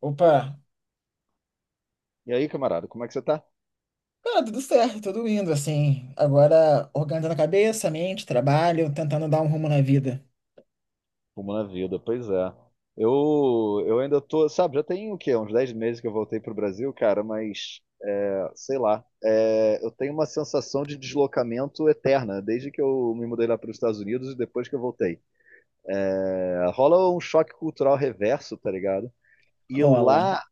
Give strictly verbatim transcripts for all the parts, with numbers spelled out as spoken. Opa! E aí, camarada, como é que você tá? Cara, tudo certo, tudo indo, assim. Agora organizando a cabeça, a mente, trabalho, tentando dar um rumo na vida. Como na vida, pois é. Eu, eu ainda tô, sabe, já tem o quê? Uns dez meses que eu voltei pro Brasil, cara, mas é, sei lá. É, eu tenho uma sensação de deslocamento eterna, desde que eu me mudei lá para os Estados Unidos e depois que eu voltei. É, rola um choque cultural reverso, tá ligado? E Rola. lá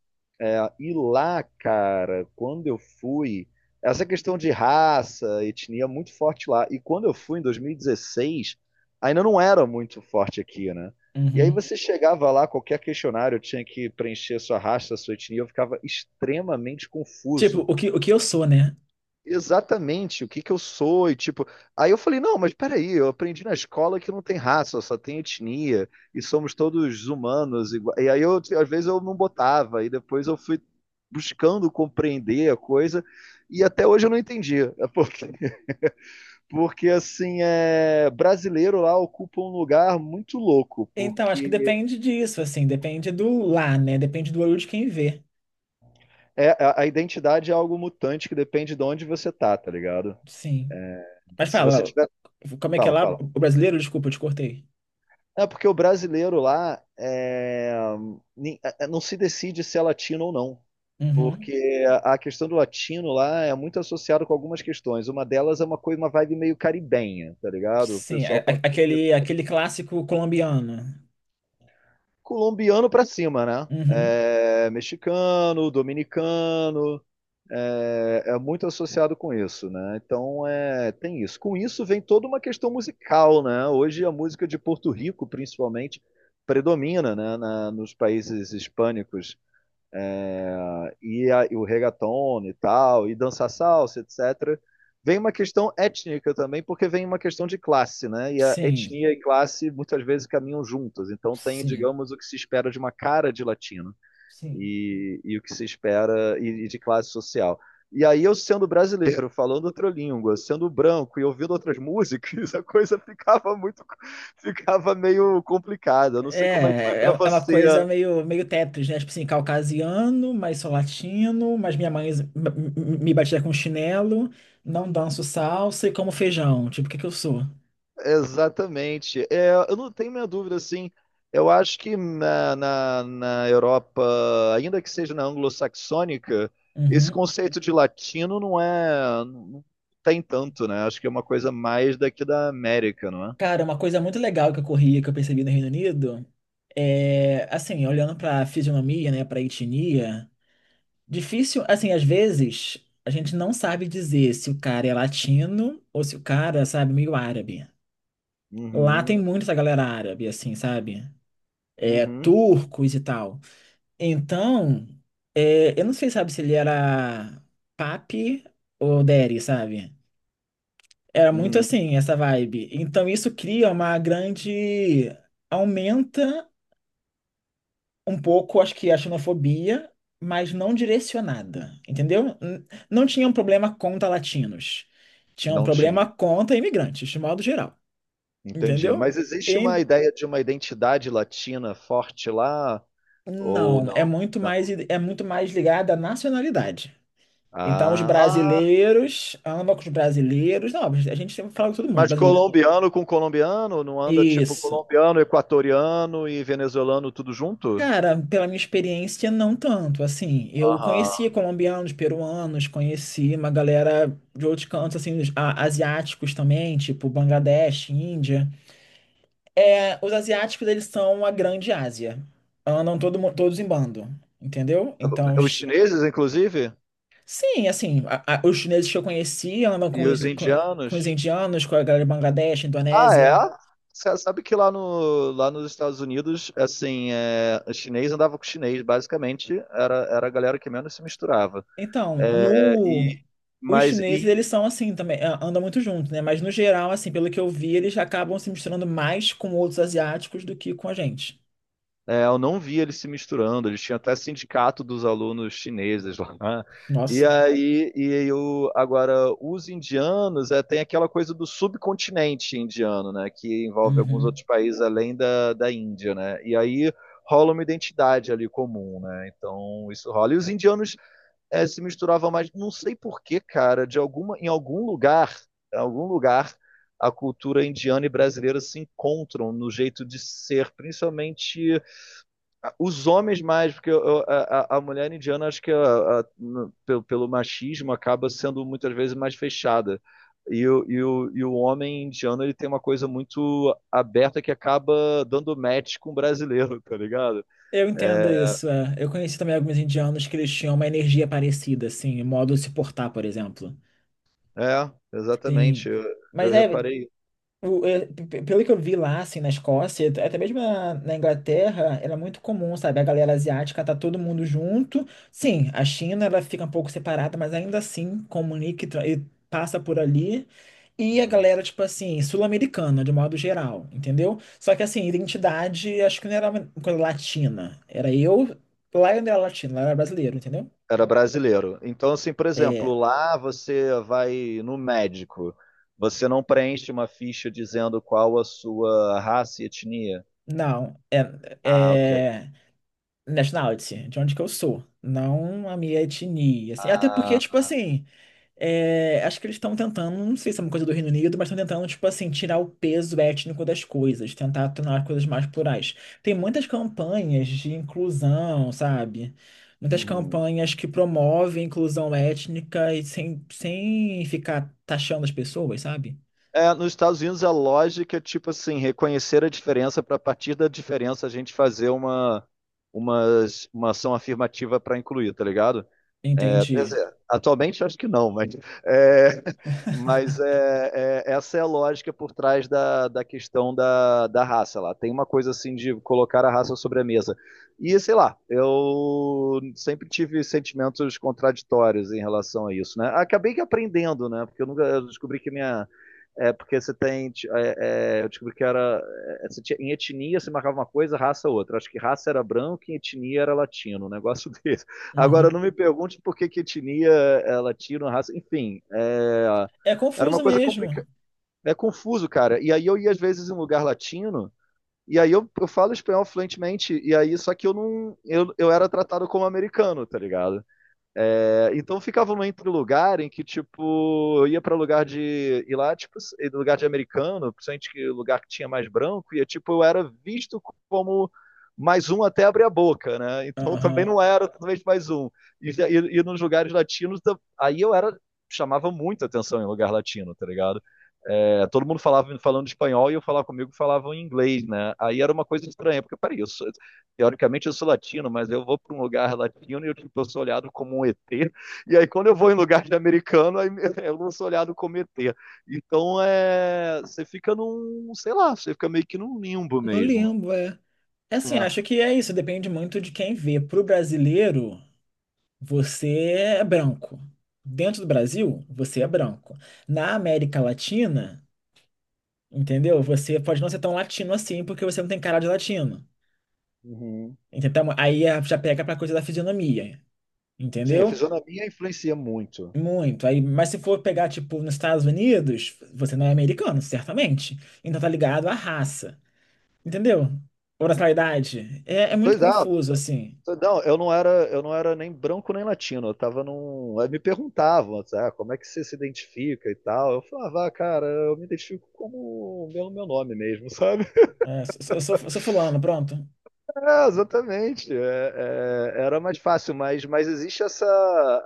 É, e lá, cara, quando eu fui, essa questão de raça, etnia é muito forte lá. E quando eu fui em dois mil e dezesseis, ainda não era muito forte aqui, né? E aí Uhum. você chegava lá, qualquer questionário tinha que preencher sua raça, sua etnia, eu ficava extremamente Tipo, confuso o que, o que eu sou, né? exatamente o que que eu sou e tipo, aí eu falei, não, mas peraí, eu aprendi na escola que não tem raça, só tem etnia e somos todos humanos igua- E aí eu às vezes eu não botava e depois eu fui buscando compreender a coisa e até hoje eu não entendi, é porque porque assim é brasileiro lá ocupa um lugar muito louco, Então, acho que porque depende disso, assim. Depende do lá, né? Depende do olho de quem vê. é a, a identidade é algo mutante que depende de onde você tá, tá ligado? Sim. Mas Se você fala, tiver, como é que é fala, lá? fala. O brasileiro? Desculpa, eu te cortei. É porque o brasileiro lá é, ni- é, é, não se decide se é latino ou não. Uhum. Porque a a questão do latino lá é muito associada com algumas questões. Uma delas é uma coisa, uma vibe meio caribenha, tá ligado? O Sim, a- pessoal a- quando- aquele, aquele clássico colombiano. colombiano pra cima, né? Uhum. É, mexicano, dominicano, é, é muito associado com isso, né? Então é, tem isso. Com isso vem toda uma questão musical, né? Hoje a música de Porto Rico, principalmente, predomina, né? na- nos países hispânicos ah, e, a- e o reggaeton e tal e dança salsa, etcétera. Vem uma questão étnica também, porque vem uma questão de classe, né? E a Sim. etnia e classe muitas vezes caminham juntas. Então tem, Sim. digamos, o que se espera de uma cara de latino Sim. e, e o que se espera e, e de classe social. E aí eu sendo brasileiro, falando outra língua, sendo branco e ouvindo outras músicas, a coisa ficava muito, ficava meio complicada. Eu não sei como é que foi É, para é é uma você. coisa meio, meio Tetris, né? Tipo assim, caucasiano, mas sou latino, mas minha mãe m- m- me batia com chinelo, não danço salsa e como feijão. Tipo, o que que eu sou? Exatamente. É, eu não tenho minha dúvida, assim. Eu acho que na, na, na Europa, ainda que seja na anglo-saxônica, esse Uhum. conceito de latino não é, não tem tanto, né? Acho que é uma coisa mais daqui da América, não é? Cara, uma coisa muito legal que eu corri, que eu percebi no Reino Unido, é, assim, olhando pra fisionomia, né, pra etnia, difícil, assim, às vezes a gente não sabe dizer se o cara é latino ou se o cara, sabe, meio árabe. Lá tem Uhum, muito essa galera árabe, assim, sabe? É, uhum, turcos e tal. Então, é, eu não sei, sabe, se ele era papi ou deri, sabe? Era muito uhum. assim, essa vibe. Então, isso cria uma grande... Aumenta um pouco, acho que a xenofobia, mas não direcionada, entendeu? N- Não tinha um problema contra latinos. Tinha um Não problema tinha. contra imigrantes, de modo geral, Entendi. entendeu? Mas existe uma E ideia de uma identidade latina forte lá? Ou não, é não? muito mais, Não. é muito mais ligada à nacionalidade. Então, os Ah, ah, brasileiros, ama com os brasileiros. Não, a gente sempre fala com todo mundo. É mas brasileiro. colombiano com colombiano? Não anda tipo Isso. colombiano, equatoriano e venezuelano tudo junto? Cara, pela minha experiência, não tanto. Assim, eu Aham. conheci colombianos, peruanos, conheci uma galera de outros cantos, assim, os a- asiáticos também, tipo Bangladesh, Índia. É, os asiáticos, eles são a grande Ásia. Andam todo, mu- todos em bando, entendeu? Então, Os ch- chineses, inclusive? sim, assim, a- a- os chineses que eu conheci andam com E os os, com, com os indianos? indianos, com a galera de Bangladesh, Ah, Indonésia. é? Você sabe que lá, no, lá nos Estados Unidos, assim, é, chinês andava com chinês, basicamente, era, era a galera que menos se misturava. Então, É, no... e, Os mas chineses, e eles são assim também, a- andam muito juntos, né? Mas no geral, assim, pelo que eu vi, eles acabam se misturando mais com outros asiáticos do que com a gente. é, eu não via eles se misturando, eles tinham até sindicato dos alunos chineses lá. Né? E Nossa. aí, e eu, agora, os indianos, é, tem aquela coisa do subcontinente indiano, né, que envolve alguns outros Uhum. países além da, da Índia, né, e aí rola uma identidade ali comum, né, então isso rola. E os indianos é, se misturavam mais, não sei por que, cara, de alguma, em algum lugar, em algum lugar, a cultura indiana e brasileira se encontram no jeito de ser, principalmente os homens mais, porque eu- eu- a, a- a mulher indiana, acho que a- a- n- pelo, pelo machismo, acaba sendo muitas vezes mais fechada. E, o- e, o, e o homem indiano, ele tem uma coisa muito aberta que acaba dando match com o brasileiro, tá ligado? Eu entendo É, isso, é. Eu conheci também alguns indianos que eles tinham uma energia parecida, assim, o modo de se portar, por exemplo. é, Sim. exatamente. Eu, Mas eu é, reparei. O- é, pe- pe- Pelo que eu vi lá, assim, na Escócia, até mesmo na, na Inglaterra, era muito comum, sabe? A galera asiática tá todo mundo junto. Sim, a China, ela fica um pouco separada, mas ainda assim comunica e, tra- e passa por ali. E a Uhum. galera, tipo assim, sul-americana, de modo geral, entendeu? Só que, assim, identidade, acho que não era uma coisa latina. Era eu, lá eu não era latino, lá eu era brasileiro, entendeu? Era brasileiro. Então, assim, por exemplo, É, lá você vai no médico, você não preenche uma ficha dizendo qual a sua raça e etnia. não, é, Ah, ok. é. nationality, de onde que eu sou, não a minha etnia, assim. Até porque, Ah, tipo assim, é, acho que eles estão tentando, não sei se é uma coisa do Reino Unido, mas estão tentando, tipo assim, tirar o peso étnico das coisas, tentar tornar as coisas mais plurais. Tem muitas campanhas de inclusão, sabe? Muitas uhum. campanhas que promovem inclusão étnica e sem, sem ficar taxando as pessoas, sabe? É, nos Estados Unidos a lógica é tipo assim, reconhecer a diferença para a partir da diferença a gente fazer uma, uma, uma ação afirmativa para incluir, tá ligado? É, quer Entendi. dizer, atualmente acho que não, mas, é, mas é, é, essa é a lógica por trás da, da questão da, da raça lá. Tem uma coisa assim de colocar a raça sobre a mesa. E sei lá, eu sempre tive sentimentos contraditórios em relação a isso, né? Acabei que aprendendo, né? Porque eu nunca eu descobri que minha. É porque você tem. Ti- é, é, eu descobri que era. É, você tinha- em etnia você marcava uma coisa, raça outra. Acho que raça era branco e etnia era latino, um negócio desse. Agora, Uhum. não me pergunte por que que etnia, é latina, raça, enfim, é, É era uma confuso coisa mesmo. complicada, é confuso, cara. E aí eu ia às vezes em um lugar latino, e aí eu, eu falo espanhol fluentemente, e aí só que eu não, eu, eu era tratado como americano, tá ligado? É, então ficava num entre lugar em que, tipo, eu ia pra lugar de. E lá, tipo, lugar de americano, principalmente que lugar que tinha mais branco, e tipo, eu era visto como mais um até abrir a boca, né? Então também Aham. não era talvez mais um. E, e, e nos lugares latinos, da- aí eu era chamava muita atenção em lugar latino, tá ligado? É, todo mundo falava falando espanhol e eu falava comigo falavam em inglês, né? Aí era uma coisa estranha, porque peraí, eu sou, teoricamente eu sou latino, mas eu vou para um lugar latino e eu, tipo, eu sou olhado como um E T. E aí quando eu vou em lugar de americano, aí eu não sou olhado como E T. Então é, você fica num, sei lá, você fica meio que num limbo No mesmo. limbo, é. É assim, Né? acho que é isso, depende muito de quem vê. Para o brasileiro, você é branco. Dentro do Brasil, você é branco. Na América Latina, entendeu? Você pode não ser tão latino assim, porque você não tem cara de latino. Uhum. Entendeu? Então, aí é- já pega pra coisa da fisionomia, Sim, a entendeu? fisionomia influencia muito. Muito. Aí, mas se for pegar, tipo, nos Estados Unidos, você não é americano, certamente. Então tá ligado à raça, entendeu? Ou nacionalidade. É, é muito Pois é, confuso, assim. pois não, eu não era, eu não era nem branco nem latino, eu tava num, aí me perguntavam, assim, ah, como é que você se identifica e tal. Eu falava, ah, cara, eu me identifico como pelo meu meu nome mesmo, sabe? É, eu sou, eu sou fulano, pronto. É, exatamente. É, é, era mais fácil, mas, mas existe essa,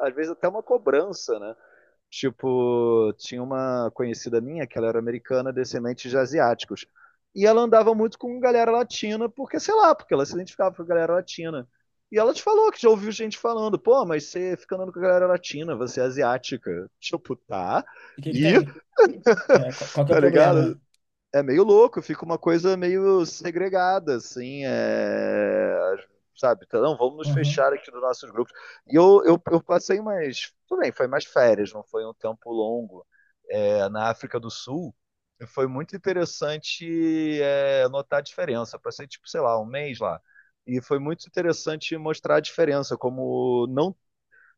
às vezes até uma cobrança, né? Tipo, tinha uma conhecida minha que ela era americana, descendente de asiáticos. E ela andava muito com galera latina, porque, sei lá, porque ela se identificava com a galera latina. E ela te falou que já ouviu gente falando, pô, mas você fica andando com a galera latina, você é asiática. Tipo, tá. E o que que E, tem? É, qual, qual que é o tá problema? ligado? É meio louco, fica uma coisa meio segregada, assim, é... sabe? Então, não, vamos nos Aham. fechar aqui nos nossos grupos. E eu, eu, eu passei mais. Tudo bem, foi mais férias, não foi um tempo longo é, na África do Sul, foi muito interessante é, notar a diferença. Eu passei, tipo, sei lá, um mês lá. E foi muito interessante mostrar a diferença, como não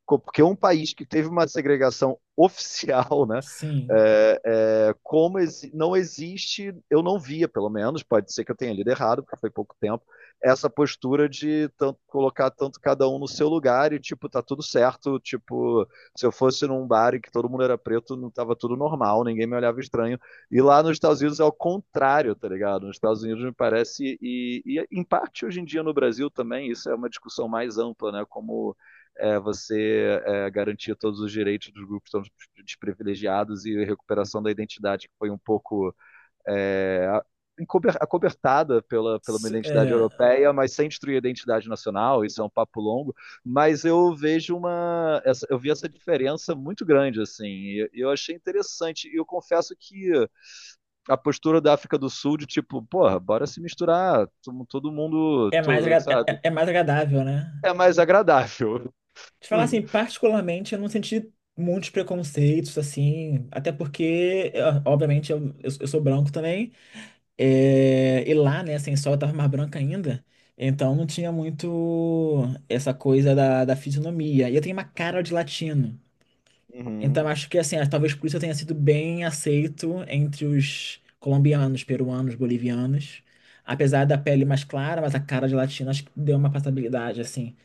porque um país que teve uma segregação oficial, né? Sim. É, é, como exi não existe, eu não via, pelo menos, pode ser que eu tenha lido errado, porque foi pouco tempo, essa postura de tanto, colocar tanto cada um no seu lugar e, tipo, tá tudo certo. Tipo, se eu fosse num bar e que todo mundo era preto, não tava tudo normal, ninguém me olhava estranho. E lá nos Estados Unidos é o contrário, tá ligado? Nos Estados Unidos me parece, e, e em parte hoje em dia no Brasil também, isso é uma discussão mais ampla, né? Como é, você é, garantir todos os direitos dos grupos tão desprivilegiados e recuperação da identidade que foi um pouco é, acobertada pela, pela uma S- identidade europeia, mas sem destruir a identidade nacional, isso é um papo longo, mas eu vejo uma, essa, eu vi essa diferença muito grande, assim, e eu achei interessante, e eu confesso que a postura da África do Sul de tipo, porra, bora se misturar, todo mundo, É, é mais, todo, agra- é, sabe, é é mais agradável, né? é mais agradável. Te falar assim, particularmente, eu não senti muitos preconceitos, assim, até porque, é, obviamente, eu, eu, eu sou branco também, é, e lá, né, sem sol, eu tava mais branca ainda, então não tinha muito essa coisa da, da fisionomia. E eu tenho uma cara de latino. Uhum. Então acho que assim, é, talvez por isso eu tenha sido bem aceito entre os colombianos, peruanos, bolivianos. Apesar da pele mais clara, mas a cara de latino acho que deu uma passabilidade, assim.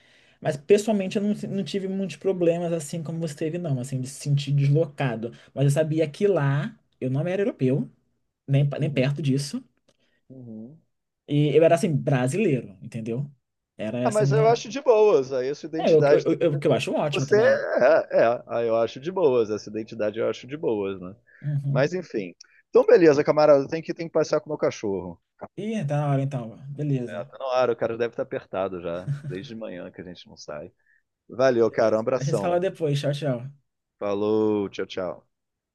Mas pessoalmente eu não, não tive muitos problemas assim como você teve, não, assim, de se sentir deslocado. Mas eu sabia que lá eu não era europeu, nem, pa- nem Uhum. perto disso. Uhum. E eu era assim, brasileiro, entendeu? Era Ah, essa mas eu minha. acho de boas. Aí essa É, o que eu, identidade eu, tem. eu, que eu acho ótimo Você também. é, é, aí eu acho de boas. Essa identidade eu acho de boas, né? Uhum. Mas enfim. Então, beleza, camarada. Tem que, tem que passear com o meu cachorro. Ih, tá na hora então. É, Beleza. tá na hora, o cara deve estar apertado já. Desde de manhã que a gente não sai. Valeu, cara. Um A gente se fala abração. depois. Tchau, tchau. Falou, tchau, tchau.